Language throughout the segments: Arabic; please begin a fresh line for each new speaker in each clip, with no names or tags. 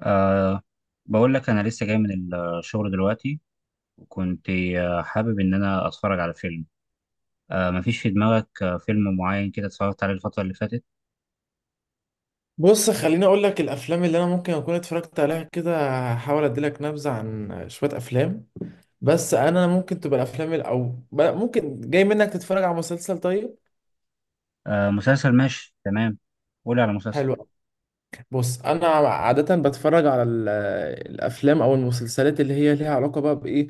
أه، بقول لك أنا لسه جاي من الشغل دلوقتي وكنت حابب إن أنا أتفرج على فيلم. أه، مفيش في دماغك فيلم معين كده اتفرجت عليه الفترة اللي فاتت؟
بص، خليني اقول لك الافلام اللي انا ممكن اكون اتفرجت عليها كده. هحاول اديلك نبذه عن شويه افلام. بس انا ممكن تبقى الافلام او ممكن جاي منك تتفرج على مسلسل. طيب،
أه، مسلسل ماشي تمام. قولي على مسلسل.
حلو. بص، انا عاده بتفرج على الافلام او المسلسلات اللي هي ليها علاقه بقى بايه،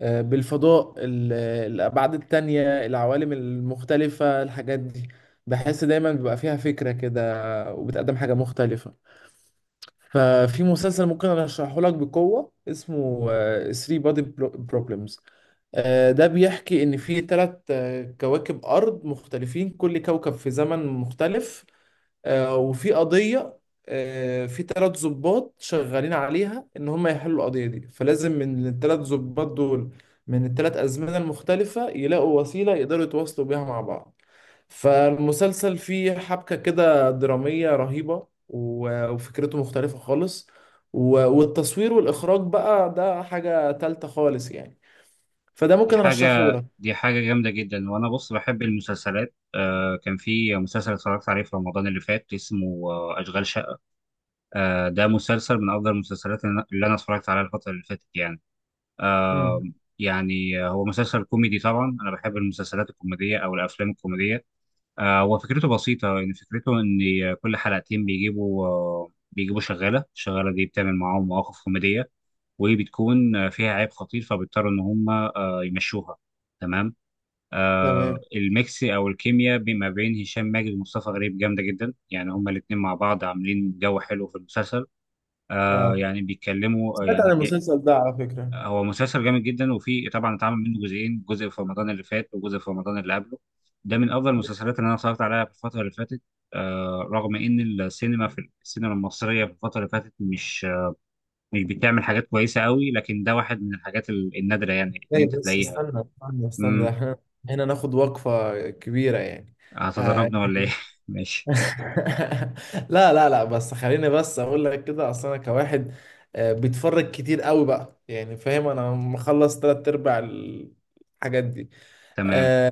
بالفضاء، الابعاد التانية، العوالم المختلفه، الحاجات دي. بحس دايما بيبقى فيها فكره كده وبتقدم حاجه مختلفه. ففي مسلسل ممكن ارشحه لك بقوه، اسمه 3 بادي بروبلمز. ده بيحكي ان في ثلاث كواكب ارض مختلفين، كل كوكب في زمن مختلف. وفي قضيه، في ثلاث ضباط شغالين عليها ان هم يحلوا القضيه دي. فلازم من الثلاث ضباط دول، من الثلاث ازمنه المختلفه، يلاقوا وسيله يقدروا يتواصلوا بيها مع بعض. فالمسلسل فيه حبكة كده درامية رهيبة وفكرته مختلفة خالص. والتصوير والإخراج بقى ده حاجة تالتة خالص يعني. فده
دي
ممكن أرشحه
حاجة
لك.
دي حاجة جامدة جدا، وأنا بص بحب المسلسلات. كان في مسلسل اتفرجت عليه في رمضان اللي فات اسمه أشغال شقة. ده مسلسل من أفضل المسلسلات اللي أنا اتفرجت عليها الفترة اللي فاتت يعني. آه.
امم.
يعني هو مسلسل كوميدي، طبعا انا بحب المسلسلات الكوميديه او الافلام الكوميديه. هو فكرته بسيطه، يعني فكرته ان كل حلقتين بيجيبوا شغاله، الشغاله دي بتعمل معاهم مواقف كوميديه، وبتكون فيها عيب خطير، فبيضطروا ان هم يمشوها. تمام.
تمام.
الميكس او الكيمياء ما بين هشام ماجد ومصطفى غريب جامده جدا، يعني هما الاثنين مع بعض عاملين جو حلو في المسلسل.
اه،
يعني بيتكلموا،
سمعت عن
يعني
المسلسل ده على فكرة.
هو مسلسل جامد جدا، وفي طبعا اتعمل منه جزئين، جزء في رمضان اللي فات وجزء في رمضان اللي قبله. ده من افضل المسلسلات اللي انا اتفرجت عليها في الفتره اللي فاتت. رغم ان في السينما المصريه في الفتره اللي فاتت مش بتعمل حاجات كويسه قوي، لكن ده واحد من الحاجات النادره يعني ان
اي،
انت
بس
تلاقيها.
استنى استنى استنى،
امم.
احنا هنا ناخد وقفة كبيرة يعني. آه،
هتضربنا ولا ايه؟ ماشي.
لا لا لا، بس خليني بس اقول لك كده، اصل انا كواحد بيتفرج كتير قوي بقى، يعني فاهم انا مخلص تلات ارباع الحاجات دي.
تمام.
آه،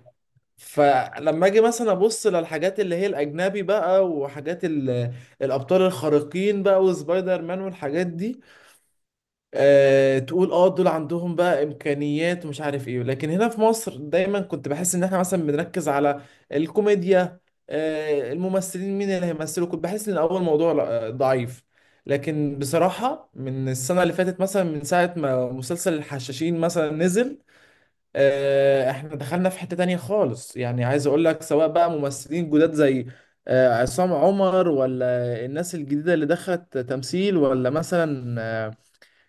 فلما اجي مثلا ابص للحاجات اللي هي الاجنبي بقى، وحاجات الابطال الخارقين بقى، وسبايدر مان والحاجات دي، تقول اه دول عندهم بقى امكانيات ومش عارف ايه. لكن هنا في مصر دايما كنت بحس ان احنا مثلا بنركز على الكوميديا، الممثلين مين اللي هيمثلوا. كنت بحس ان اول موضوع ضعيف. لكن بصراحة، من السنة اللي فاتت مثلا، من ساعة ما مسلسل الحشاشين مثلا نزل، احنا دخلنا في حتة تانية خالص. يعني عايز اقول لك، سواء بقى ممثلين جداد زي عصام عمر، ولا الناس الجديدة اللي دخلت تمثيل، ولا مثلا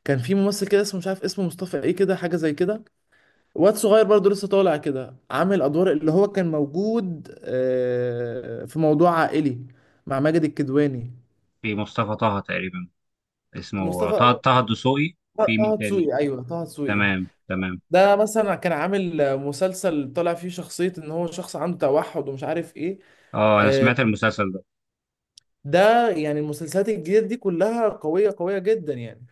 كان في ممثل كده اسمه، مش عارف اسمه، مصطفى ايه كده حاجه زي كده. واد صغير برضه لسه طالع كده، عامل ادوار، اللي هو كان موجود في موضوع عائلي مع ماجد الكدواني.
في مصطفى طه تقريبا، اسمه
مصطفى،
طه الدسوقي. وفي مين
طه
تاني؟
دسوقي. ايوه، طه دسوقي.
تمام تمام.
ده مثلا كان عامل مسلسل طالع فيه شخصيه ان هو شخص عنده توحد، ومش عارف ايه.
اه، انا
آه،
سمعت المسلسل ده.
ده يعني المسلسلات الجديده دي كلها قويه قويه جدا يعني.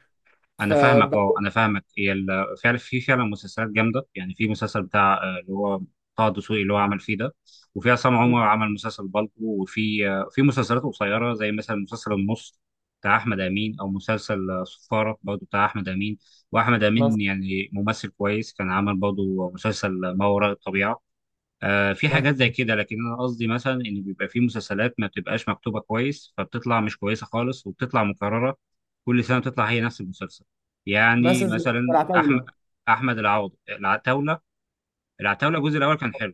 انا فاهمك اه
فبحس.
انا فاهمك هي في فعلا مسلسلات جامده، يعني في مسلسل بتاع اللي هو طه دسوقي اللي هو عمل فيه ده، وفي عصام عمر
مم.
عمل مسلسل بالطو، وفي آه، في مسلسلات قصيره زي مثلا مسلسل النص بتاع احمد امين، او مسلسل صفاره برضه بتاع احمد امين، واحمد
مثلا
امين يعني ممثل كويس، كان عمل برضه مسلسل ما وراء الطبيعه. في
مثلا
حاجات زي كده، لكن انا قصدي مثلا ان بيبقى في مسلسلات ما بتبقاش مكتوبه كويس، فبتطلع مش كويسه خالص وبتطلع مكرره. كل سنه بتطلع هي نفس المسلسل. يعني
مثلا زي
مثلا احمد
العتاوله.
احمد العوض، العتاوله الجزء الاول كان حلو.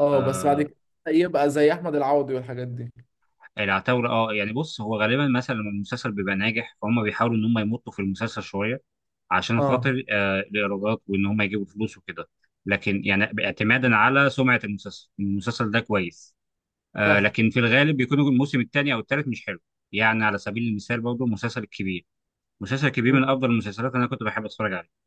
اه، بس بعد كده يبقى زي احمد العوضي والحاجات دي.
العتاوله، يعني بص، هو غالبا مثلا لما المسلسل بيبقى ناجح فهم بيحاولوا ان هم يمطوا في المسلسل شويه، عشان
اه،
خاطر الايرادات وان هم يجيبوا فلوس وكده. لكن يعني اعتمادا على سمعه المسلسل، المسلسل ده كويس.
صح.
لكن في الغالب بيكون الموسم الثاني او الثالث مش حلو. يعني على سبيل المثال برضه مسلسل الكبير. مسلسل الكبير من
مم.
افضل المسلسلات اللي انا كنت بحب اتفرج عليه.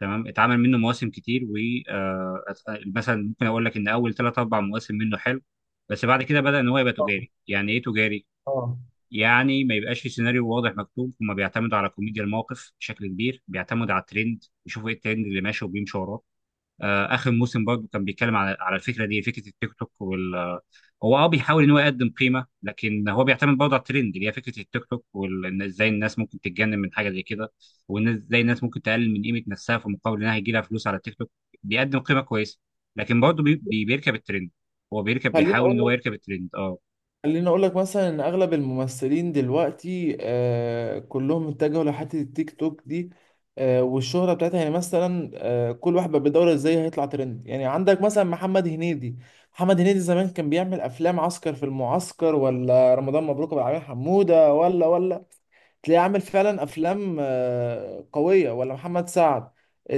تمام. اتعمل منه مواسم كتير، و آه مثلا ممكن اقول لك ان اول ثلاث اربع مواسم منه حلو. بس بعد كده بدا ان هو يبقى
اه.
تجاري. يعني ايه تجاري؟
آه.
يعني ما يبقاش في سيناريو واضح مكتوب، هما بيعتمدوا على كوميديا الموقف بشكل كبير، بيعتمدوا على الترند، يشوفوا ايه الترند اللي ماشي وبيمشوا وراه. اخر موسم برضه كان بيتكلم على الفكره دي، فكره التيك توك، هو بيحاول ان هو يقدم قيمه، لكن هو بيعتمد برضه على الترند اللي هي فكره التيك توك، وازاي الناس ممكن تتجنن من حاجه زي كده. والناس، ازاي الناس ممكن تقلل من قيمه نفسها في مقابل انها هيجي لها فلوس على التيك توك. بيقدم قيمه كويسه، لكن برضه بيركب الترند. هو
خليني
بيحاول ان
اقول
هو
لك
يركب الترند. اه
خليني اقول لك مثلا ان اغلب الممثلين دلوقتي كلهم اتجهوا لحته التيك توك دي، والشهره بتاعتها. يعني مثلا كل واحد بقى بيدور ازاي هيطلع ترند. يعني عندك مثلا محمد هنيدي. محمد هنيدي زمان كان بيعمل افلام عسكر في المعسكر، ولا رمضان مبروك، ابو العلمين حموده، ولا تلاقيه عامل فعلا افلام قويه، ولا محمد سعد.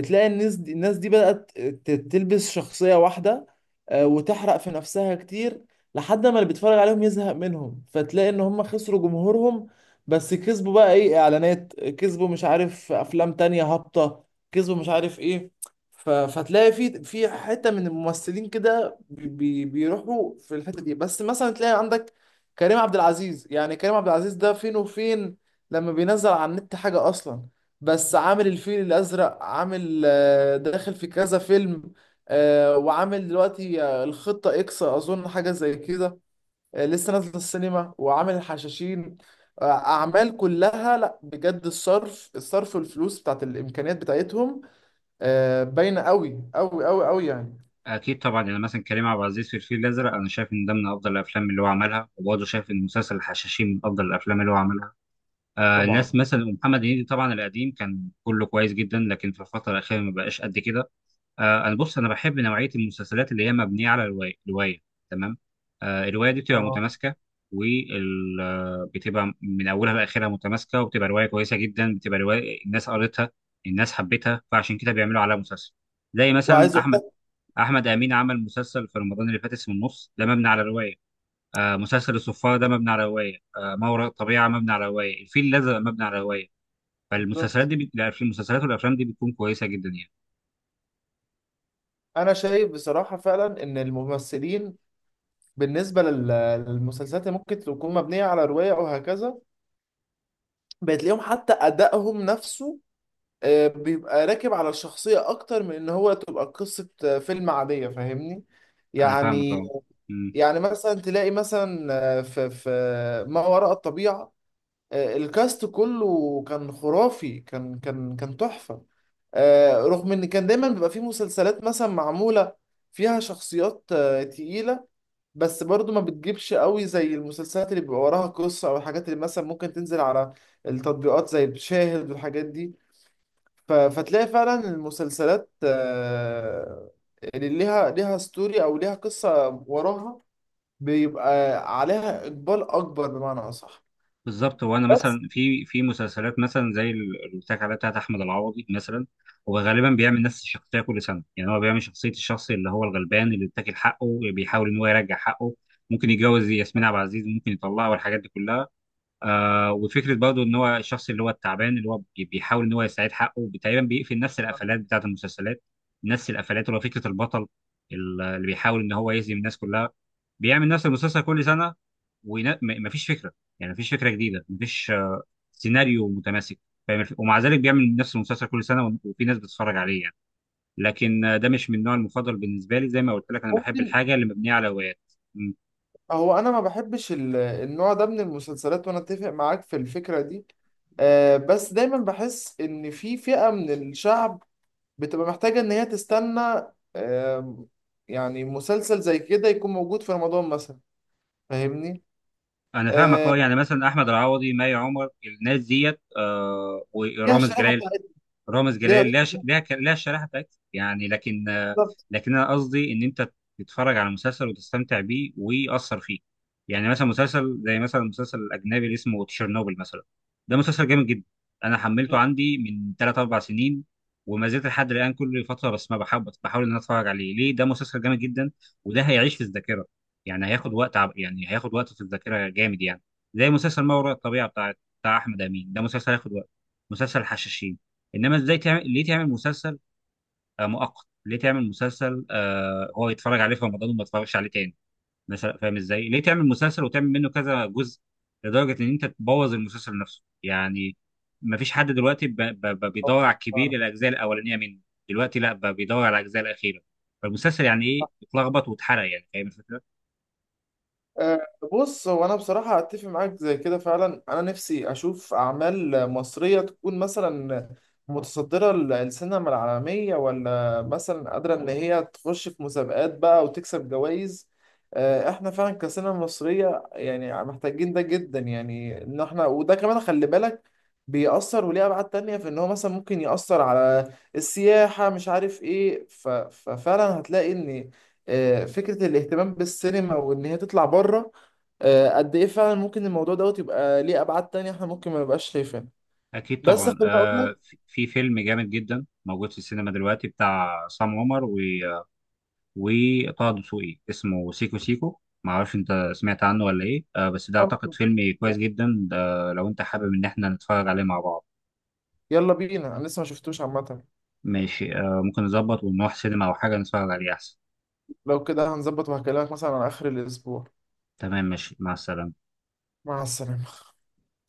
تلاقي الناس دي بدات تلبس شخصيه واحده، وتحرق في نفسها كتير، لحد ما اللي بيتفرج عليهم يزهق منهم، فتلاقي ان هم خسروا جمهورهم. بس كسبوا بقى ايه، اعلانات، كسبوا مش عارف افلام تانية هابطه، كسبوا مش عارف ايه. فتلاقي في حته من الممثلين كده، بيروحوا في الحته دي. بس مثلا تلاقي عندك كريم عبد العزيز، يعني كريم عبد العزيز ده فين وفين. لما بينزل على النت حاجة أصلا. بس عامل الفيل الأزرق، عامل داخل في كذا فيلم، وعامل دلوقتي الخطة إكس، أظن حاجة زي كده. لسه نازلة السينما، وعامل الحشاشين. أعمال كلها، لأ بجد، الصرف الصرف والفلوس بتاعت الإمكانيات بتاعتهم باينة أوي أوي أوي أوي يعني.
اكيد طبعا. يعني مثلا كريم عبد العزيز في الفيل الازرق، انا شايف ان ده من افضل الافلام اللي هو عملها، وبرضه شايف ان مسلسل الحشاشين من افضل الافلام اللي هو عملها. ناس
طبعا.
مثلا محمد هنيدي، طبعا القديم كان كله كويس جدا، لكن في الفتره الاخيره ما بقاش قد كده. انا بص، انا بحب نوعيه المسلسلات اللي هي مبنيه على روايه. تمام. الروايه دي بتبقى
اه،
متماسكه. وال آه، بتبقى من اولها لاخرها متماسكه، وبتبقى روايه كويسه جدا، بتبقى روايه الناس قريتها الناس حبتها، فعشان كده بيعملوا عليها مسلسل. زي مثلا
وعايز أقول
احمد
لك.
احمد امين، عمل مسلسل في رمضان اللي فات اسمه النص، ده مبني على روايه. مسلسل الصفارة ده مبني على رواية. ما وراء الطبيعة مبني على رواية، الفيل الأزرق مبني على رواية. فالمسلسلات
بالظبط،
دي لا، في المسلسلات والأفلام دي بتكون كويسة جدا يعني.
أنا شايف بصراحة فعلا إن الممثلين بالنسبة للمسلسلات اللي ممكن تكون مبنية على رواية أو هكذا، بتلاقيهم حتى أدائهم نفسه بيبقى راكب على الشخصية أكتر من إن هو تبقى قصة فيلم عادية، فاهمني؟
أنا فاهمك
يعني
أه. أمم،
يعني مثلا تلاقي مثلا، في ما وراء الطبيعة، الكاست كله كان خرافي، كان تحفة. رغم ان كان دايما بيبقى فيه مسلسلات مثلا معمولة فيها شخصيات تقيلة، بس برضو ما بتجيبش قوي زي المسلسلات اللي بيبقى وراها قصة، او الحاجات اللي مثلا ممكن تنزل على التطبيقات زي شاهد والحاجات دي. فتلاقي فعلا المسلسلات اللي ليها ستوري او ليها قصة وراها، بيبقى عليها اقبال اكبر بمعنى اصح.
بالظبط. هو أنا
بس
مثلا في مسلسلات مثلا زي اللي قلت لك عليها بتاعت أحمد العوضي مثلا، هو غالبا بيعمل نفس الشخصية كل سنة، يعني هو بيعمل شخصية الشخص اللي هو الغلبان، اللي بيتاكل حقه، اللي بيحاول إن هو يرجع حقه. ممكن يتجوز ياسمين عبد العزيز، ممكن يطلعها، والحاجات دي كلها. وفكره برضه ان هو الشخص اللي هو التعبان، اللي هو بيحاول ان هو يستعيد حقه. تقريبا بيقفل نفس القفلات بتاعت المسلسلات، نفس القفلات اللي هو فكره البطل اللي بيحاول ان هو يهزم الناس كلها. بيعمل نفس المسلسل كل سنه ومفيش فكره. يعني مفيش فكره جديده، مفيش سيناريو متماسك، فاهم؟ ومع ذلك بيعمل نفس المسلسل كل سنه، وفي ناس بتتفرج عليه يعني. لكن ده مش من النوع المفضل بالنسبه لي. زي ما قلت لك، انا بحب
ممكن،
الحاجه اللي مبنيه على روايات.
هو انا ما بحبش النوع ده من المسلسلات، وانا اتفق معاك في الفكرة دي. بس دايما بحس ان في فئة من الشعب بتبقى محتاجة ان هي تستنى، آه، يعني مسلسل زي كده يكون موجود في رمضان مثلا، فاهمني؟
انا فاهمك.
آه،
اه يعني مثلا احمد العوضي، مي عمر، الناس ديت
ليها
ورامز
الشريحة
جلال.
بتاعتها.
رامز
ليها،
جلال لها ش... لها ك... لها الشريحه بتاعتها يعني، لكن آه،
بالظبط.
لكن انا قصدي ان انت تتفرج على مسلسل وتستمتع بيه ويأثر فيك. يعني مثلا مسلسل زي مثلا المسلسل الاجنبي اللي اسمه تشيرنوبل مثلا، ده مسلسل جامد جدا. انا حملته عندي من 3 4 سنين وما زلت لحد الان كل فتره، بس ما بحاول، ان انا اتفرج عليه. ليه؟ ده مسلسل جامد جدا، وده هيعيش في الذاكره. يعني هياخد وقت يعني هياخد وقت في الذاكره جامد يعني. زي مسلسل ما وراء الطبيعه بتاع احمد امين، ده مسلسل هياخد وقت. مسلسل الحشاشين. انما ازاي تعمل؟ ليه تعمل مسلسل مؤقت؟ ليه تعمل مسلسل هو يتفرج عليه في رمضان وما يتفرجش عليه تاني مثلا؟ فاهم ازاي؟ ليه تعمل مسلسل وتعمل منه كذا جزء لدرجه ان انت تبوظ المسلسل نفسه يعني؟ ما فيش حد دلوقتي بيدور على الكبير، الاجزاء الاولانيه منه. دلوقتي لا، بيدور على الاجزاء الاخيره. فالمسلسل يعني ايه؟ اتلخبط واتحرق، يعني فاهم الفكره.
أه، بص، هو انا بصراحه اتفق معاك زي كده. فعلا انا نفسي اشوف اعمال مصريه تكون مثلا متصدره السينما العالميه، ولا مثلا قادره ان هي تخش في مسابقات بقى وتكسب جوائز. احنا فعلا كسينما مصريه يعني محتاجين ده جدا. يعني ان احنا، وده كمان خلي بالك، بيأثر وليه ابعاد تانية، في ان هو مثلا ممكن يأثر على السياحه، مش عارف ايه. ففعلا هتلاقي ان فكرة الاهتمام بالسينما وإن هي تطلع بره قد إيه فعلا ممكن الموضوع دوت يبقى ليه أبعاد تانية إحنا ممكن ما نبقاش شايفينها.
اكيد
بس
طبعا.
خليني أقول لك.
في فيلم جامد جدا موجود في السينما دلوقتي بتاع عصام عمر وطه دسوقي، اسمه سيكو سيكو، معرفش انت سمعت عنه ولا ايه. بس ده اعتقد فيلم كويس جدا ده، لو انت حابب ان احنا نتفرج عليه مع بعض.
يلا بينا، أنا لسه ما شفتوش عامة.
ماشي، ممكن نظبط ونروح سينما او حاجة نتفرج عليه احسن.
لو كده هنظبط وهكلمك مثلا على آخر الأسبوع.
تمام ماشي، مع السلامة.
مع السلامة.